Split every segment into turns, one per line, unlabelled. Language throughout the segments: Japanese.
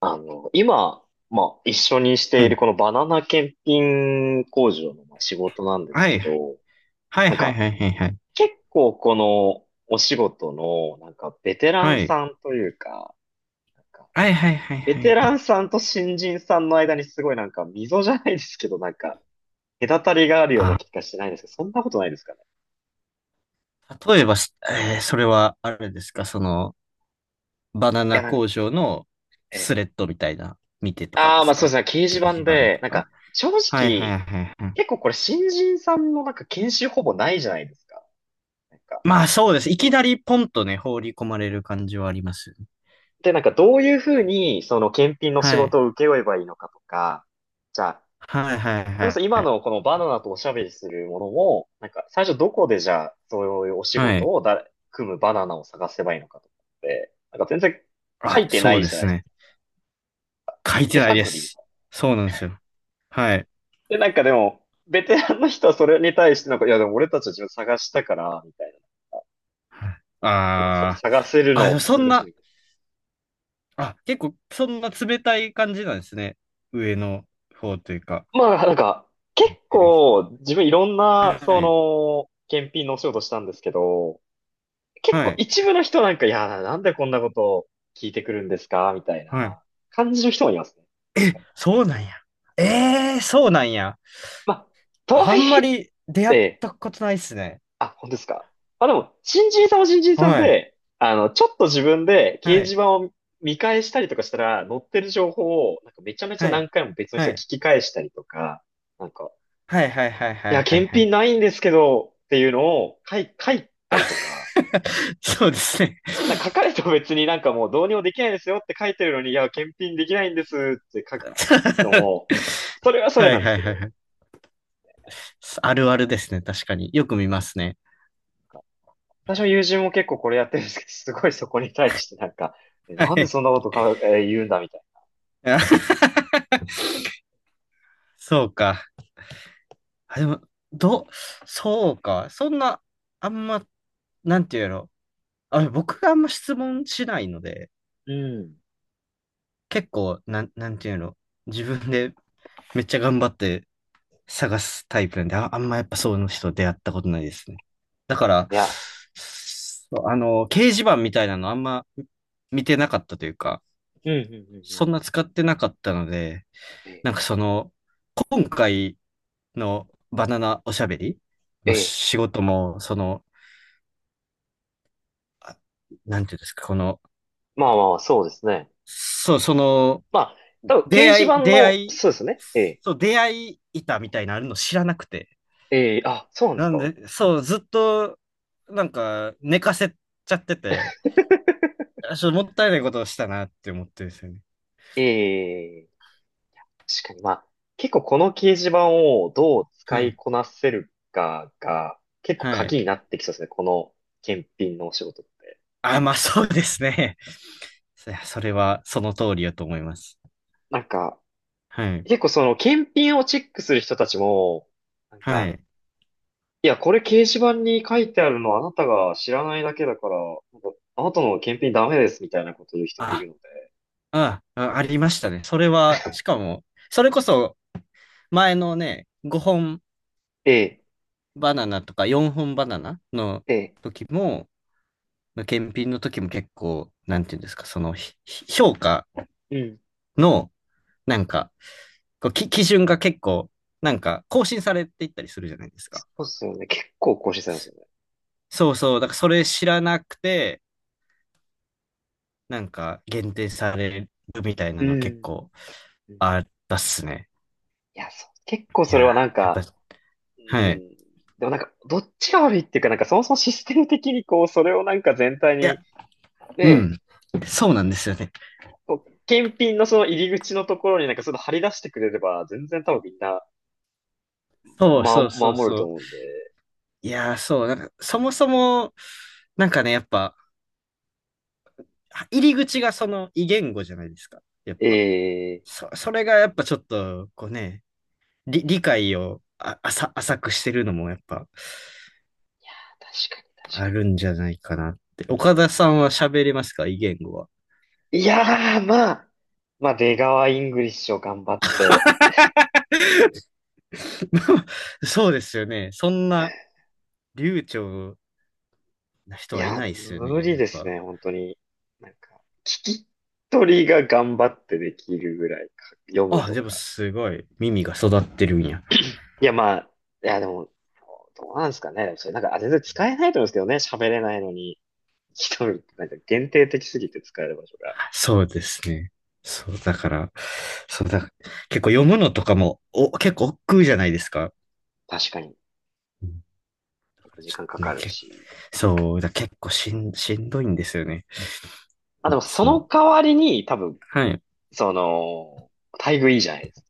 あの、今、一緒にし
は
ている
い。
このバナナ検品工場の仕事なんです
は
け
い。
ど、
はい
なん
はい
か、
はいはいはい。
結構このお仕事の、ベテラ
は
ン
い。
さんというか、なんか、
はいはいはい
ベ
はい
テ
は
ラン
い。
さんと新人さんの間にすごい溝じゃないですけど、隔たりがあるような
あ、
気がしてないんですけど、そんなことないですかね。
例えばし、えーそれはあれですか、その、バナ
いや、
ナ
なんか、
工場の
え
ス
え。
レッドみたいな、見てとか
あ
で
あ、ま
す
あそうです
か？
ね、掲示
掲示
板
板
で、
とか。
正
はいは
直、
いはいはい。
結構これ新人さんの研修ほぼないじゃないですか。なんか
まあそうです。いきなりポンとね、放り込まれる感じはありますよね。
で、なんかどういうふうに、その検品の仕
はい。
事を請け負えばいいのかとか、じゃあ、
はいはい
それこ
は
そ
い
今
はい。
のこのバナナとおしゃべりするものも、なんか最初どこでじゃあ、そういうお仕
は
事
い。
をだ、組むバナナを探せばいいのかとかって、なんか全然書
あ、
いてな
そう
い
で
じゃない
す
ですか。
ね。書いて
手
ないで
探り。
す。そうなんですよ。はい。
で、なんかでも、ベテランの人はそれに対してなんか、いやでも俺たちは自分探したから、みたい
はい
な。
あー。
探せる
あ、
の
でも
普
そ
通
ん
でしょ、
な、
みたい
あ、結構そんな冷たい感じなんですね。上の方というか、
な。結
言ってる人。
構自分いろん
は
な、そ
い、
の、検品のお仕事したんですけど、結
は
構
い、
一部の人なんか、いやー、なんでこんなことを聞いてくるんですかみたい
はい。
な感じの人もいますね。なんか
そうなんや。ええー、そうなんや。
まあ、とは
あ
い
ん
え
ま
っ
り出会っ
て、
たことないっすね。
あ、本当ですか。まあでも、新人さんは新人さん
はい、
で、あの、ちょっと自分で掲
は
示
い、
板を見返したりとかしたら、載ってる情報を、なんかめちゃめちゃ
はい、
何回も別の人
は
が
い、
聞き返したりとか、なんか、
はい、はい、はい、
い
はい、
や、
はい
検
はい。
品ないんですけど、っていうのを書いた
あ、
りとか、
そうですね。
書かれても別になんかもうどうにもできないですよって書いてるのに、いや、検品できないんですって書くのも、それはそれ
はい、
なんで
は
す
い、
けど、
はい。はい、あるあるですね。確かに。よく見ますね。
私の友人も結構これやってるんですけど、すごいそこに対してなんか、
は
なんで
い。
そんなことか、ー言うんだみたい
あ、 そうか。あ、でも、ど、そうか。そんな、あんま、なんていうの。あ、僕があんま質問しないので、
な
結構、なんていうの。自分でめっちゃ頑張って探すタイプなんで、あ、あんまやっぱそういう人出会ったことないですね。だから、
いや、
そうあの、掲示板みたいなのあんま見てなかったというか、
うん、うん、うん、う
そ
ん。
んな使ってなかったので、
ええ、
なんかその、今回のバナナおしゃべり
え
の
え、
仕事も、その、あ、なんていうんですか、この、
まあまあまあ、そうですね。
そう、その、
まあ、多分掲示板
出
の、
会い、
そうですね。ええ、
そう、出会い板みたいなのあるの知らなくて。
ええ、あ、そうなんです
なん
か。
で、そう、ずっと、なんか、寝かせちゃってて、あ、ちょっともったいないことをしたなって思ってるんですよね。
ええ、確かに、まあ、結構この掲示板をどう
は
使い
い。
こなせるかが、結構
はい。
鍵になってきそうですね、この検品のお仕事って。
あ、まあそうですね。それは、その通りやと思います。
なんか、
はい。
結構その検品をチェックする人たちも、なん
は
か、
い。
いや、これ掲示板に書いてあるのあなたが知らないだけだから、なんかあなたの検品ダメですみたいなこと言う人もいる
あ、
ので。
あ、ありましたね。それは、しかも、それこそ、前のね、5本
ええ、
バナナとか4本バナナの
ええ、
時も、検品の時も結構、なんていうんですか、その評価
うん。
の、なんか、こうき基準が結構、なんか更新されていったりするじゃないです
そ
か。
うっすよね。結構更新されますよね。
そうそう、だからそれ知らなくて、なんか限定されるみたい
う
なの結
ん。
構
うん。
あったっすね。
いや、そう。結構
い
それ
や
はなん
ー、やっぱ、
か、う
はい。
ん。でもなんか、どっちが悪いっていうか、なんかそもそもシステム的にこう、それをなんか全体
いや、
に、
う
ね、
ん。そうなんですよね。
こう、検品のその入り口のところになんかその張り出してくれれば、全然多分みんな、
そう
ま、
そうそう
守る
そ
と
う。
思うんで。
いやー、そう、なんか、そもそも、なんかね、やっぱ、入り口がその異言語じゃないですか。やっぱ。
ええ、
そ、それがやっぱちょっと、こうね、理解を浅くしてるのもやっぱ
確かに、確
あ
か
るんじゃないかなって。岡田さんは喋れますか異言語は？
に。いやー、まあ、出川イングリッシュを頑張って。
そうですよね。そんな流暢な人
い
はい
や、
ないですよ
無
ね。
理
やっ
です
ぱ。
ね、本当に。なんか、一人が頑張ってできるぐらいか、読む
あ、
と
でも
か。
すごい耳が育ってるんや。
いや、まあ、いや、でも、どうなんですかね。それなんか、全然使えないと思うんですけどね。喋れないのに、一人ってなんか限定的すぎて使える場所が。
そうですね。そう、だから、そうだ、結構読むのとかも、お、結構億劫じゃないですか。
確かに、結構時
ちょっ
間か
とね、
かるし。
そう、だ結構しんどいんですよね。
まあで
い
も、そ
つ
の
も。
代わりに、多分、
はい。
その、待遇いいじゃないですか。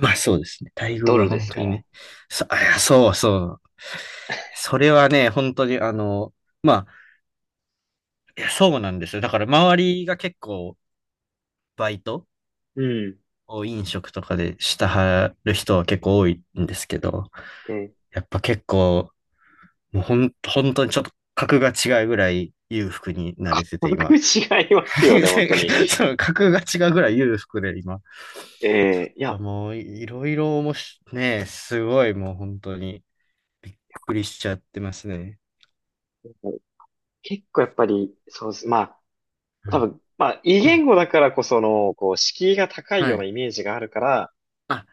まあそうですね。待遇
ド
は
ルで
本
す
当
か
に
ら。
ね。そ、あ、いや、そうそう。それはね、本当にあの、まあ、いや、そうなんですよ。だから周りが結構バイト
うん。
を飲食とかでしたはる人は結構多いんですけど、
で、
やっぱ結構、もうほん、本当にちょっと格が違うぐらい裕福にな
価
れてて
格
今。
違いますよね、本当に。
そう、格が違うぐらい裕福で今。
えー、い
と
や、
もうい、ろいろおもし、ねえ、すごい、もう本当に、びっくりしちゃってますね。
結構やっぱり、そうです。まあ、
は
多分、まあ、異
い。
言語だからこその、こう、敷居が高い
は
ような
い。
イメージがあるから、
あ、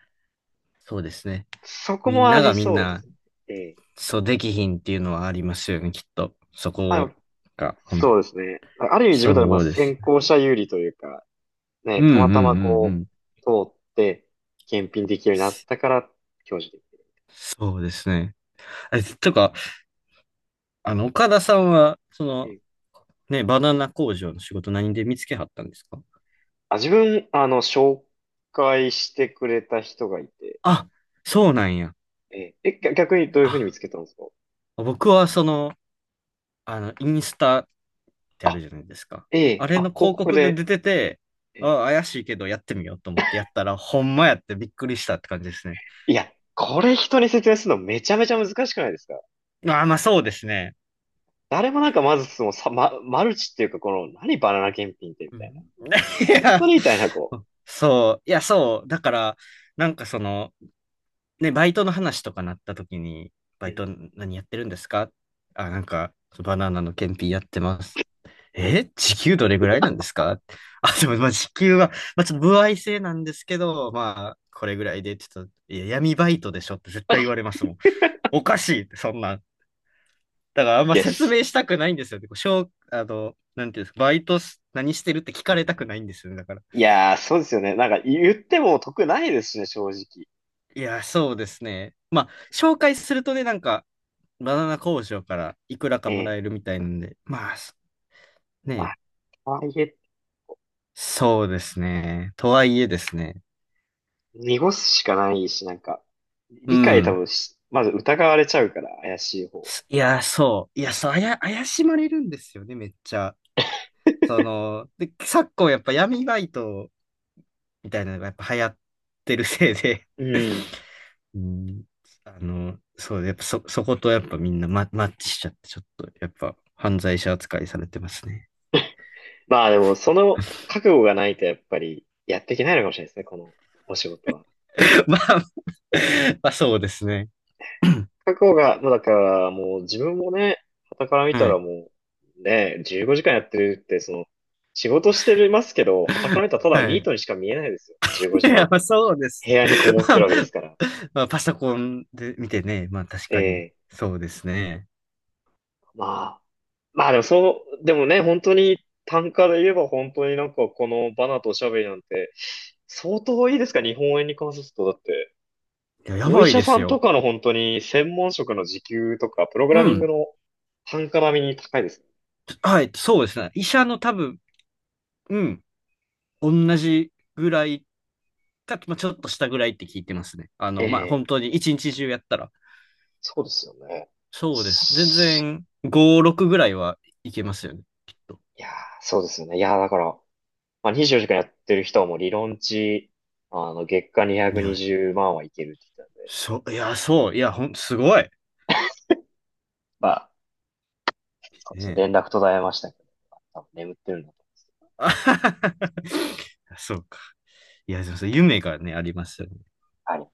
そうですね。
そこ
みん
もあ
な
り
がみん
そうで
な、
すね。ええ。
そうできひんっていうのはありますよね、きっと。そ
あ
こ
の、
が、ほん
そうですね。ある意味自分たちはまあ
そうです。
先行者有利というか、
う
ね、
んうん
た
う
またま
んう
こ
ん。
う、通って、検品できるようになったから、享受できる。
そうですね。え、とか、あの、岡田さんは、その、
ええ。
ね、バナナ工場の仕事何で見つけはったんですか？
あ、自分、あの、紹介してくれた人がいて、
あ、そうなんや。
ええ、え、逆にどういうふう
あ、
に見つけたんですか。
僕はその、あの、インスタってある
あ、
じゃないですか。
え
あ
え、
れ
あ、
の
広
広
告
告で
で、
出てて、
ええ。
あ、怪しいけどやってみようと思ってやったら、ほんまやってびっくりしたって感じですね。
いや、これ人に説明するのめちゃめちゃ難しくないですか？
あー、まあそうですね。
誰もなんかまずそのさ、ま、マルチっていうかこの何バナナ検品ってみ
う
た
ん。
いな。
い
本
や、
当にみたいなこう。
そう、いや、そう、だから、なんかその、ね、バイトの話とかなった時に、
う
バイト
ん。
何やってるんですか？あ、なんか、バナナの検品やってます。え、時給どれぐらいなんですか？ あ、でも、まあ、時給は、まあ、ちょっと歩合制なんですけど、まあ、これぐらいで、ちょっと、いや、闇バイトでしょって絶対言われますもん。おかしいって、そんなん。だから、あんま
で
説
す。
明したくないんですよね。こうしょう、あの、なんていうんですか、バイトし何してるって聞かれたくないんですよね。だから。
いやー、そうですよね。なんか言っても得ないですしね、正直。
いや、そうですね。まあ、紹介するとね、なんか、バナナ工場からいくらか
え
もら
え。
えるみたいなんで、まあ、そ
まあ、
ね、
とはいえ、
そうですね。とはいえですね。
濁すしかないし、なんか、
う
理解多
ん。
分し、まず疑われちゃうから、怪しい方。
いや、そう。いや、そう、あや、怪しまれるんですよね、めっちゃ。その、で、昨今やっぱ闇バイトみたいなのがやっぱ流行ってるせいで、
うん。
うん、あの、そう、やっぱそ、そことやっぱみんなマッチしちゃって、ちょっとやっぱ犯罪者扱いされてますね。
まあでも、その 覚悟がないと、やっぱり、やっていけないのかもしれないですね、このお仕事は。
まあ、まあそうですね。
覚悟が、まあだからもう自分もね、傍から 見た
は
ら
い。
もう、ね、15時間やってるって、その、仕事してますけど、傍から見たらただの
は
ニー
い。
トにしか見えないですよね。15
い
時
や、
間
まあそうです。
部屋にこも っ
ま
てる
あ、
わけですから。
まあパソコンで見てね、まあ確かに、
ええ。
そうですね。
まあ。まあでもそう、でもね、本当に単価で言えば本当になんかこのバナとおしゃべりなんて相当いいですか、日本円に換算すると。だって、
いや、や
お医
ばい
者
で
さ
す
んと
よ。
かの本当に専門職の時給とか、プログ
う
ラミング
ん。
の単価並みに高いです。
はい、そうですね。医者の多分、うん、同じぐらいか、まあ、ちょっと下ぐらいって聞いてますね。あの、まあ、
ええ、
本当に一日中やったら。
そうですよね。
そうです。全然、5、6ぐらいはいけますよね。きっと。
いやー、そうですよね。いやー、だから、まあ、24時間やってる人はもう理論値、あの、月間
い
220
や、
万はいけるって言ってたんで、
そう、いや、そう、いや、ほん、すごい。
ま、そうで
ね
すね、連
え。
絡途絶えましたけど、多分眠ってるんだと。
あははは、はそうか。いや、そうそう、夢がね、ありますよね。
はい。